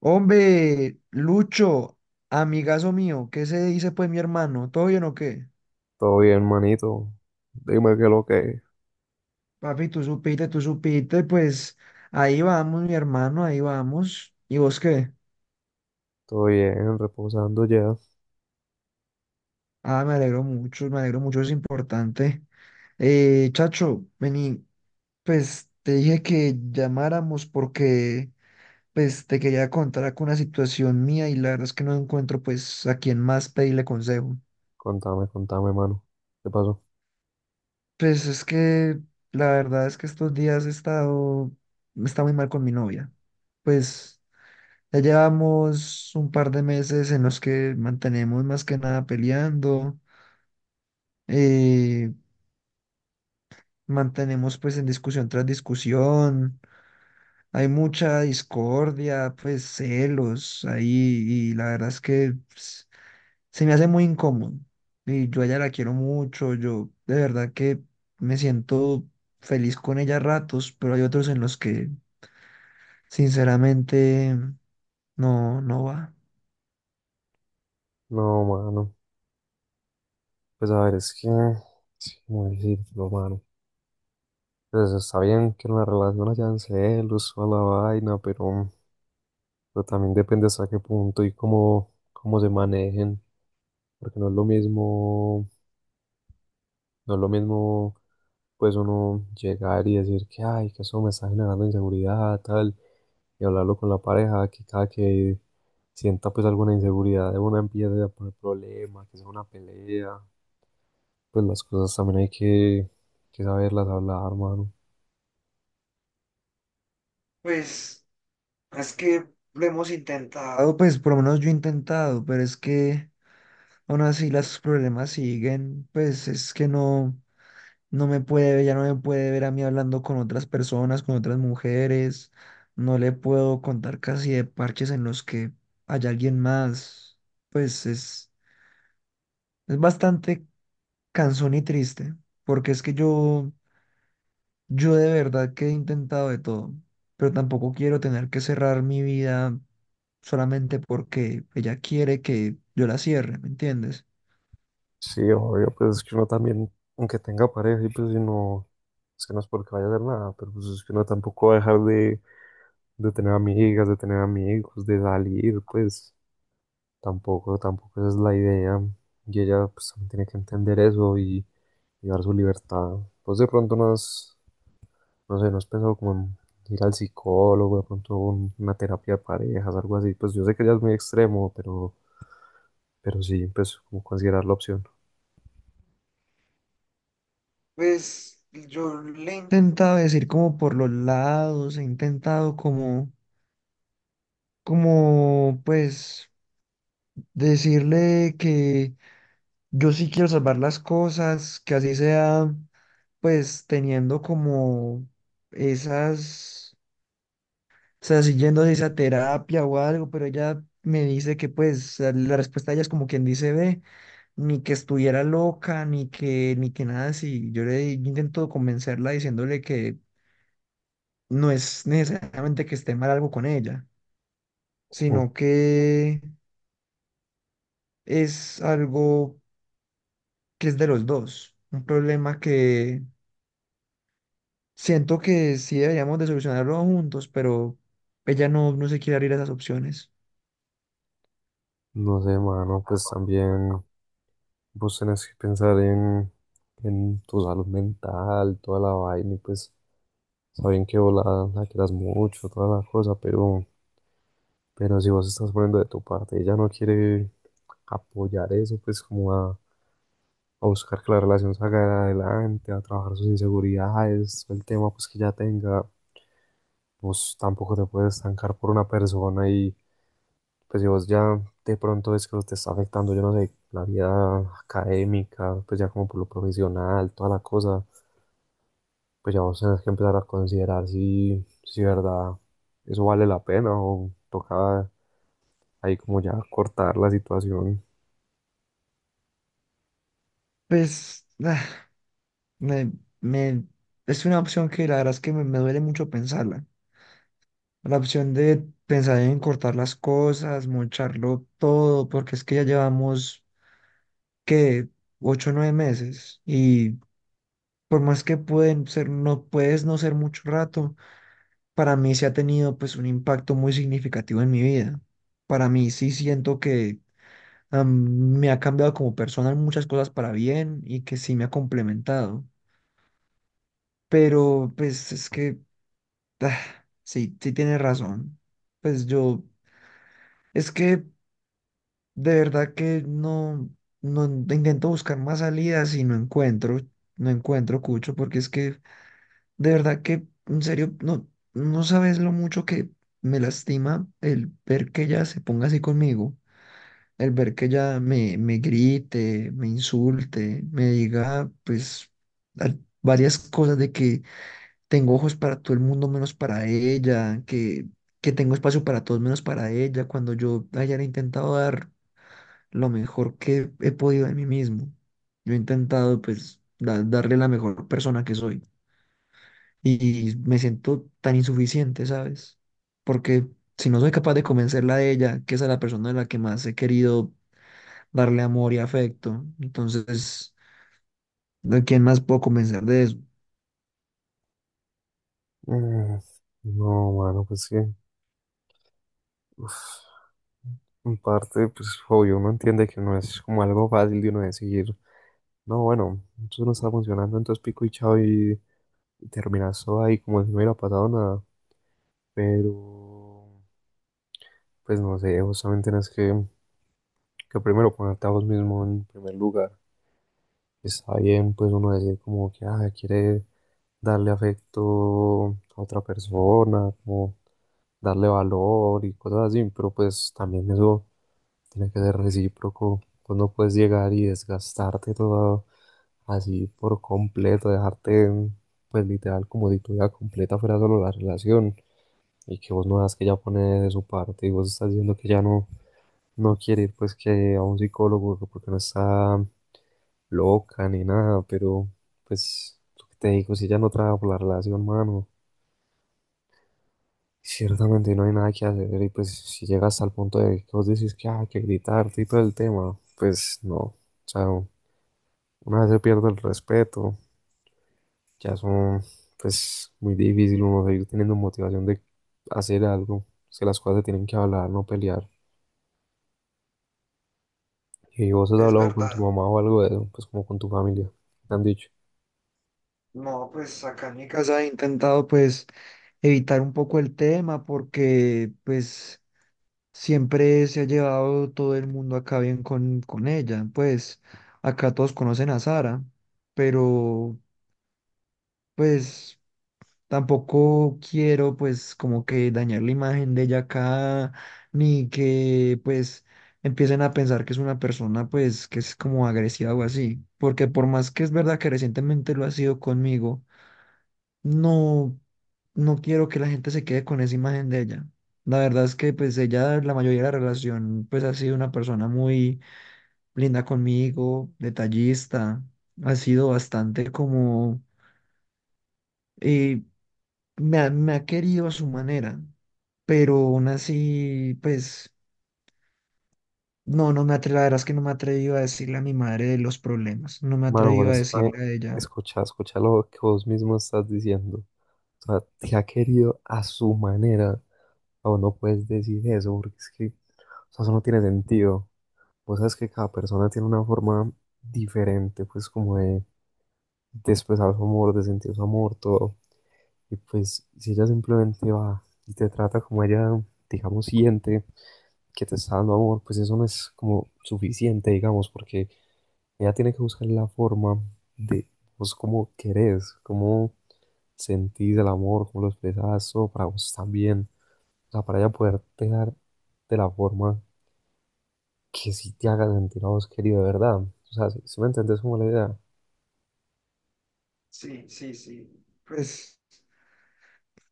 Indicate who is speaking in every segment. Speaker 1: Hombre, Lucho, amigazo mío, ¿qué se dice pues mi hermano? ¿Todo bien o qué?
Speaker 2: Todo bien, manito. Dime qué es lo que es.
Speaker 1: Papi, tú supiste, pues ahí vamos, mi hermano, ahí vamos. ¿Y vos qué?
Speaker 2: Todo bien, reposando ya.
Speaker 1: Ah, me alegro mucho, es importante. Chacho, vení, pues te dije que llamáramos porque pues te quería contar con una situación mía y la verdad es que no encuentro pues a quién más pedirle consejo.
Speaker 2: Contame, mano. ¿Qué pasó?
Speaker 1: Pues es que la verdad es que estos días he estado, está muy mal con mi novia. Pues ya llevamos un par de meses en los que mantenemos más que nada peleando, eh, mantenemos pues en discusión tras discusión, hay mucha discordia, pues celos ahí y la verdad es que pues, se me hace muy incómodo. Y yo a ella la quiero mucho, yo de verdad que me siento feliz con ella a ratos, pero hay otros en los que sinceramente no, no va.
Speaker 2: No, mano. Pues a ver, es que... Sí, cómo decirlo, mano. Pues está bien que en la relación hayan celos o la vaina, pero también depende hasta qué punto y cómo se manejen. Porque no es lo mismo... No es lo mismo, pues uno llegar y decir que, ay, que eso me está generando inseguridad, tal, y hablarlo con la pareja, que cada que sienta pues alguna inseguridad de una empiece a poner problemas, que sea una pelea, pues las cosas también hay que saberlas hablar, hermano.
Speaker 1: Pues es que lo hemos intentado. Ah, pues por lo menos yo he intentado, pero es que aún así los problemas siguen, pues es que no. No me puede ver, ya no me puede ver a mí hablando con otras personas, con otras mujeres. No le puedo contar casi de parches en los que hay alguien más. Pues es, es bastante cansón y triste, porque es que yo de verdad que he intentado de todo, pero tampoco quiero tener que cerrar mi vida solamente porque ella quiere que yo la cierre, ¿me entiendes?
Speaker 2: Sí, obvio, pues es que uno también, aunque tenga pareja y pues si no, es que no es porque vaya a hacer nada, pero pues es que uno tampoco va a dejar de tener amigas, de tener amigos, de salir, pues tampoco esa es la idea. Y ella pues también tiene que entender eso y dar su libertad. Pues de pronto no has, No sé, ¿no has pensado como en ir al psicólogo, de pronto una terapia de parejas, algo así? Pues yo sé que ya es muy extremo, pero sí, pues como considerar la opción.
Speaker 1: Pues yo le... he intentado decir como por los lados, he intentado como... como pues decirle que yo sí quiero salvar las cosas, que así sea, pues teniendo como esas, o sea, siguiendo esa terapia o algo, pero ella me dice que pues la respuesta de ella es como quien dice, ve, ni que estuviera loca, ni que, ni que nada así. Yo intento convencerla diciéndole que no es necesariamente que esté mal algo con ella,
Speaker 2: Mm.
Speaker 1: sino que es algo que es de los dos. Un problema que siento que sí deberíamos de solucionarlo juntos, pero ella no, no se quiere abrir a esas opciones.
Speaker 2: No sé, mano, pues también vos tenés que pensar en tu salud mental, toda la vaina, y pues saben que vos la quieras mucho, toda la cosa, pero si vos estás poniendo de tu parte, ella no quiere apoyar eso, pues como a buscar que la relación salga adelante, a trabajar sus inseguridades, el tema pues que ya tenga, vos tampoco te puedes estancar por una persona y pues si vos ya de pronto ves que te está afectando, yo no sé, la vida académica, pues ya como por lo profesional, toda la cosa, pues ya vos tenés que empezar a considerar si, si verdad eso vale la pena o toca ahí como ya cortar la situación.
Speaker 1: Pues ah, me, me- es una opción que la verdad es que me duele mucho pensarla. La opción de pensar en cortar las cosas, mocharlo todo, porque es que ya llevamos, ¿qué? Ocho o nueve meses y por más que pueden ser, no puedes no ser mucho rato, para mí sí ha tenido pues un impacto muy significativo en mi vida. Para mí sí siento que me ha cambiado como persona en muchas cosas para bien y que sí me ha complementado. Pero pues es que ah, sí, sí tienes razón. Pues yo, es que de verdad que no, no intento buscar más salidas y no encuentro, no encuentro, Cucho, porque es que de verdad que, en serio, no, no sabes lo mucho que me lastima el ver que ella se ponga así conmigo, el ver que ella me, me grite, me insulte, me diga, pues, a- varias cosas de que tengo ojos para todo el mundo menos para ella, que tengo espacio para todos menos para ella, cuando yo haya intentado dar lo mejor que he podido de mí mismo. Yo he intentado, pues, darle la mejor persona que soy y me siento tan insuficiente, ¿sabes? Porque si no soy capaz de convencerla de ella, que esa es la persona a la que más he querido darle amor y afecto, entonces, ¿de quién más puedo convencer de eso?
Speaker 2: Mm. No, mano, pues sí, uf, en parte, pues obvio, uno entiende que no es como algo fácil de uno decir, no, bueno, eso no está funcionando, entonces pico y chao y terminas todo ahí como si no hubiera pasado nada. Pero, pues no sé, justamente tienes que primero ponerte a vos mismo en primer lugar. Está bien, pues uno decir como que ah, quiere darle afecto a otra persona, como darle valor y cosas así, pero pues también eso tiene que ser recíproco. Tú no puedes llegar y desgastarte todo así por completo, dejarte pues literal, como si tu vida completa fuera solo la relación y que vos no das que ella pone de su parte y vos estás diciendo que ya no, no quiere ir pues que a un psicólogo que porque no está loca ni nada, pero pues lo que te digo, si ella no trabaja por la relación, mano, ciertamente no hay nada que hacer y pues si llegas al punto de que vos decís que "ah, hay que gritarte y todo el tema", pues no, o sea, una vez se pierde el respeto, ya son, pues, muy difícil uno seguir teniendo motivación de hacer algo. Es que las cosas se tienen que hablar, no pelear. ¿Y vos has
Speaker 1: Es
Speaker 2: hablado con tu
Speaker 1: verdad.
Speaker 2: mamá o algo de eso, pues como con tu familia, qué te han dicho?
Speaker 1: No, pues acá en mi casa he intentado pues evitar un poco el tema porque pues siempre se ha llevado todo el mundo acá bien con ella. Pues acá todos conocen a Sara, pero pues... tampoco quiero pues como que dañar la imagen de ella acá, ni que pues empiecen a pensar que es una persona pues que es como agresiva o así, porque por más que es verdad que recientemente lo ha sido conmigo, no, no quiero que la gente se quede con esa imagen de ella. La verdad es que pues ella, la mayoría de la relación pues ha sido una persona muy linda conmigo, detallista, ha sido bastante como... eh, me ha querido a su manera, pero aún así, pues, no, no me atre, la verdad es que no me he atrevido a decirle a mi madre de los problemas, no me he
Speaker 2: Mano, pero
Speaker 1: atrevido a
Speaker 2: es que
Speaker 1: decirle a ella,
Speaker 2: escucha lo que vos mismo estás diciendo. O sea, te ha querido a su manera. O no puedes decir eso, porque es que, o sea, eso no tiene sentido. Vos sabes que cada persona tiene una forma diferente, pues como de expresar su amor, de sentir su amor, todo. Y pues si ella simplemente va y te trata como ella, digamos, siente que te está dando amor, pues eso no es como suficiente, digamos, porque ella tiene que buscar la forma de vos cómo querés, cómo sentís el amor, cómo lo expresás, todo para vos también. O sea, para ella poderte dar de la forma que sí te haga sentir a vos querido de verdad. O sea, si, si me entendés como la idea.
Speaker 1: sí, sí, sí. Pues,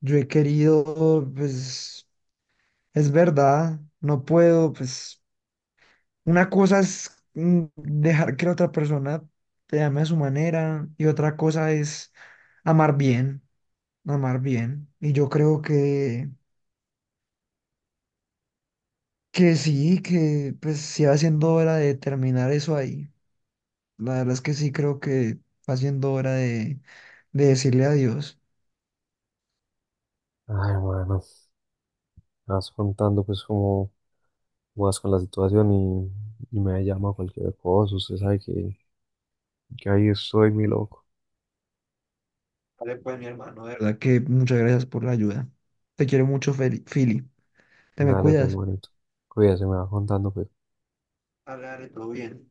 Speaker 1: yo he querido, pues, es verdad, no puedo, pues, una cosa es dejar que la otra persona te ame a su manera y otra cosa es amar bien, amar bien, y yo creo que... que sí, que pues sí va siendo hora de terminar eso ahí. La verdad es que sí creo que va siendo hora de decirle adiós.
Speaker 2: Ay, bueno, me vas contando pues como más con la situación y me llama cualquier cosa. Usted sabe que ahí estoy, mi loco.
Speaker 1: Vale, pues mi hermano, de verdad que muchas gracias por la ayuda. Te quiero mucho, Fili. Te me
Speaker 2: Dale, pues,
Speaker 1: cuidas.
Speaker 2: manito. Cuídese, me va contando, pues.
Speaker 1: Hablaré, todo bien.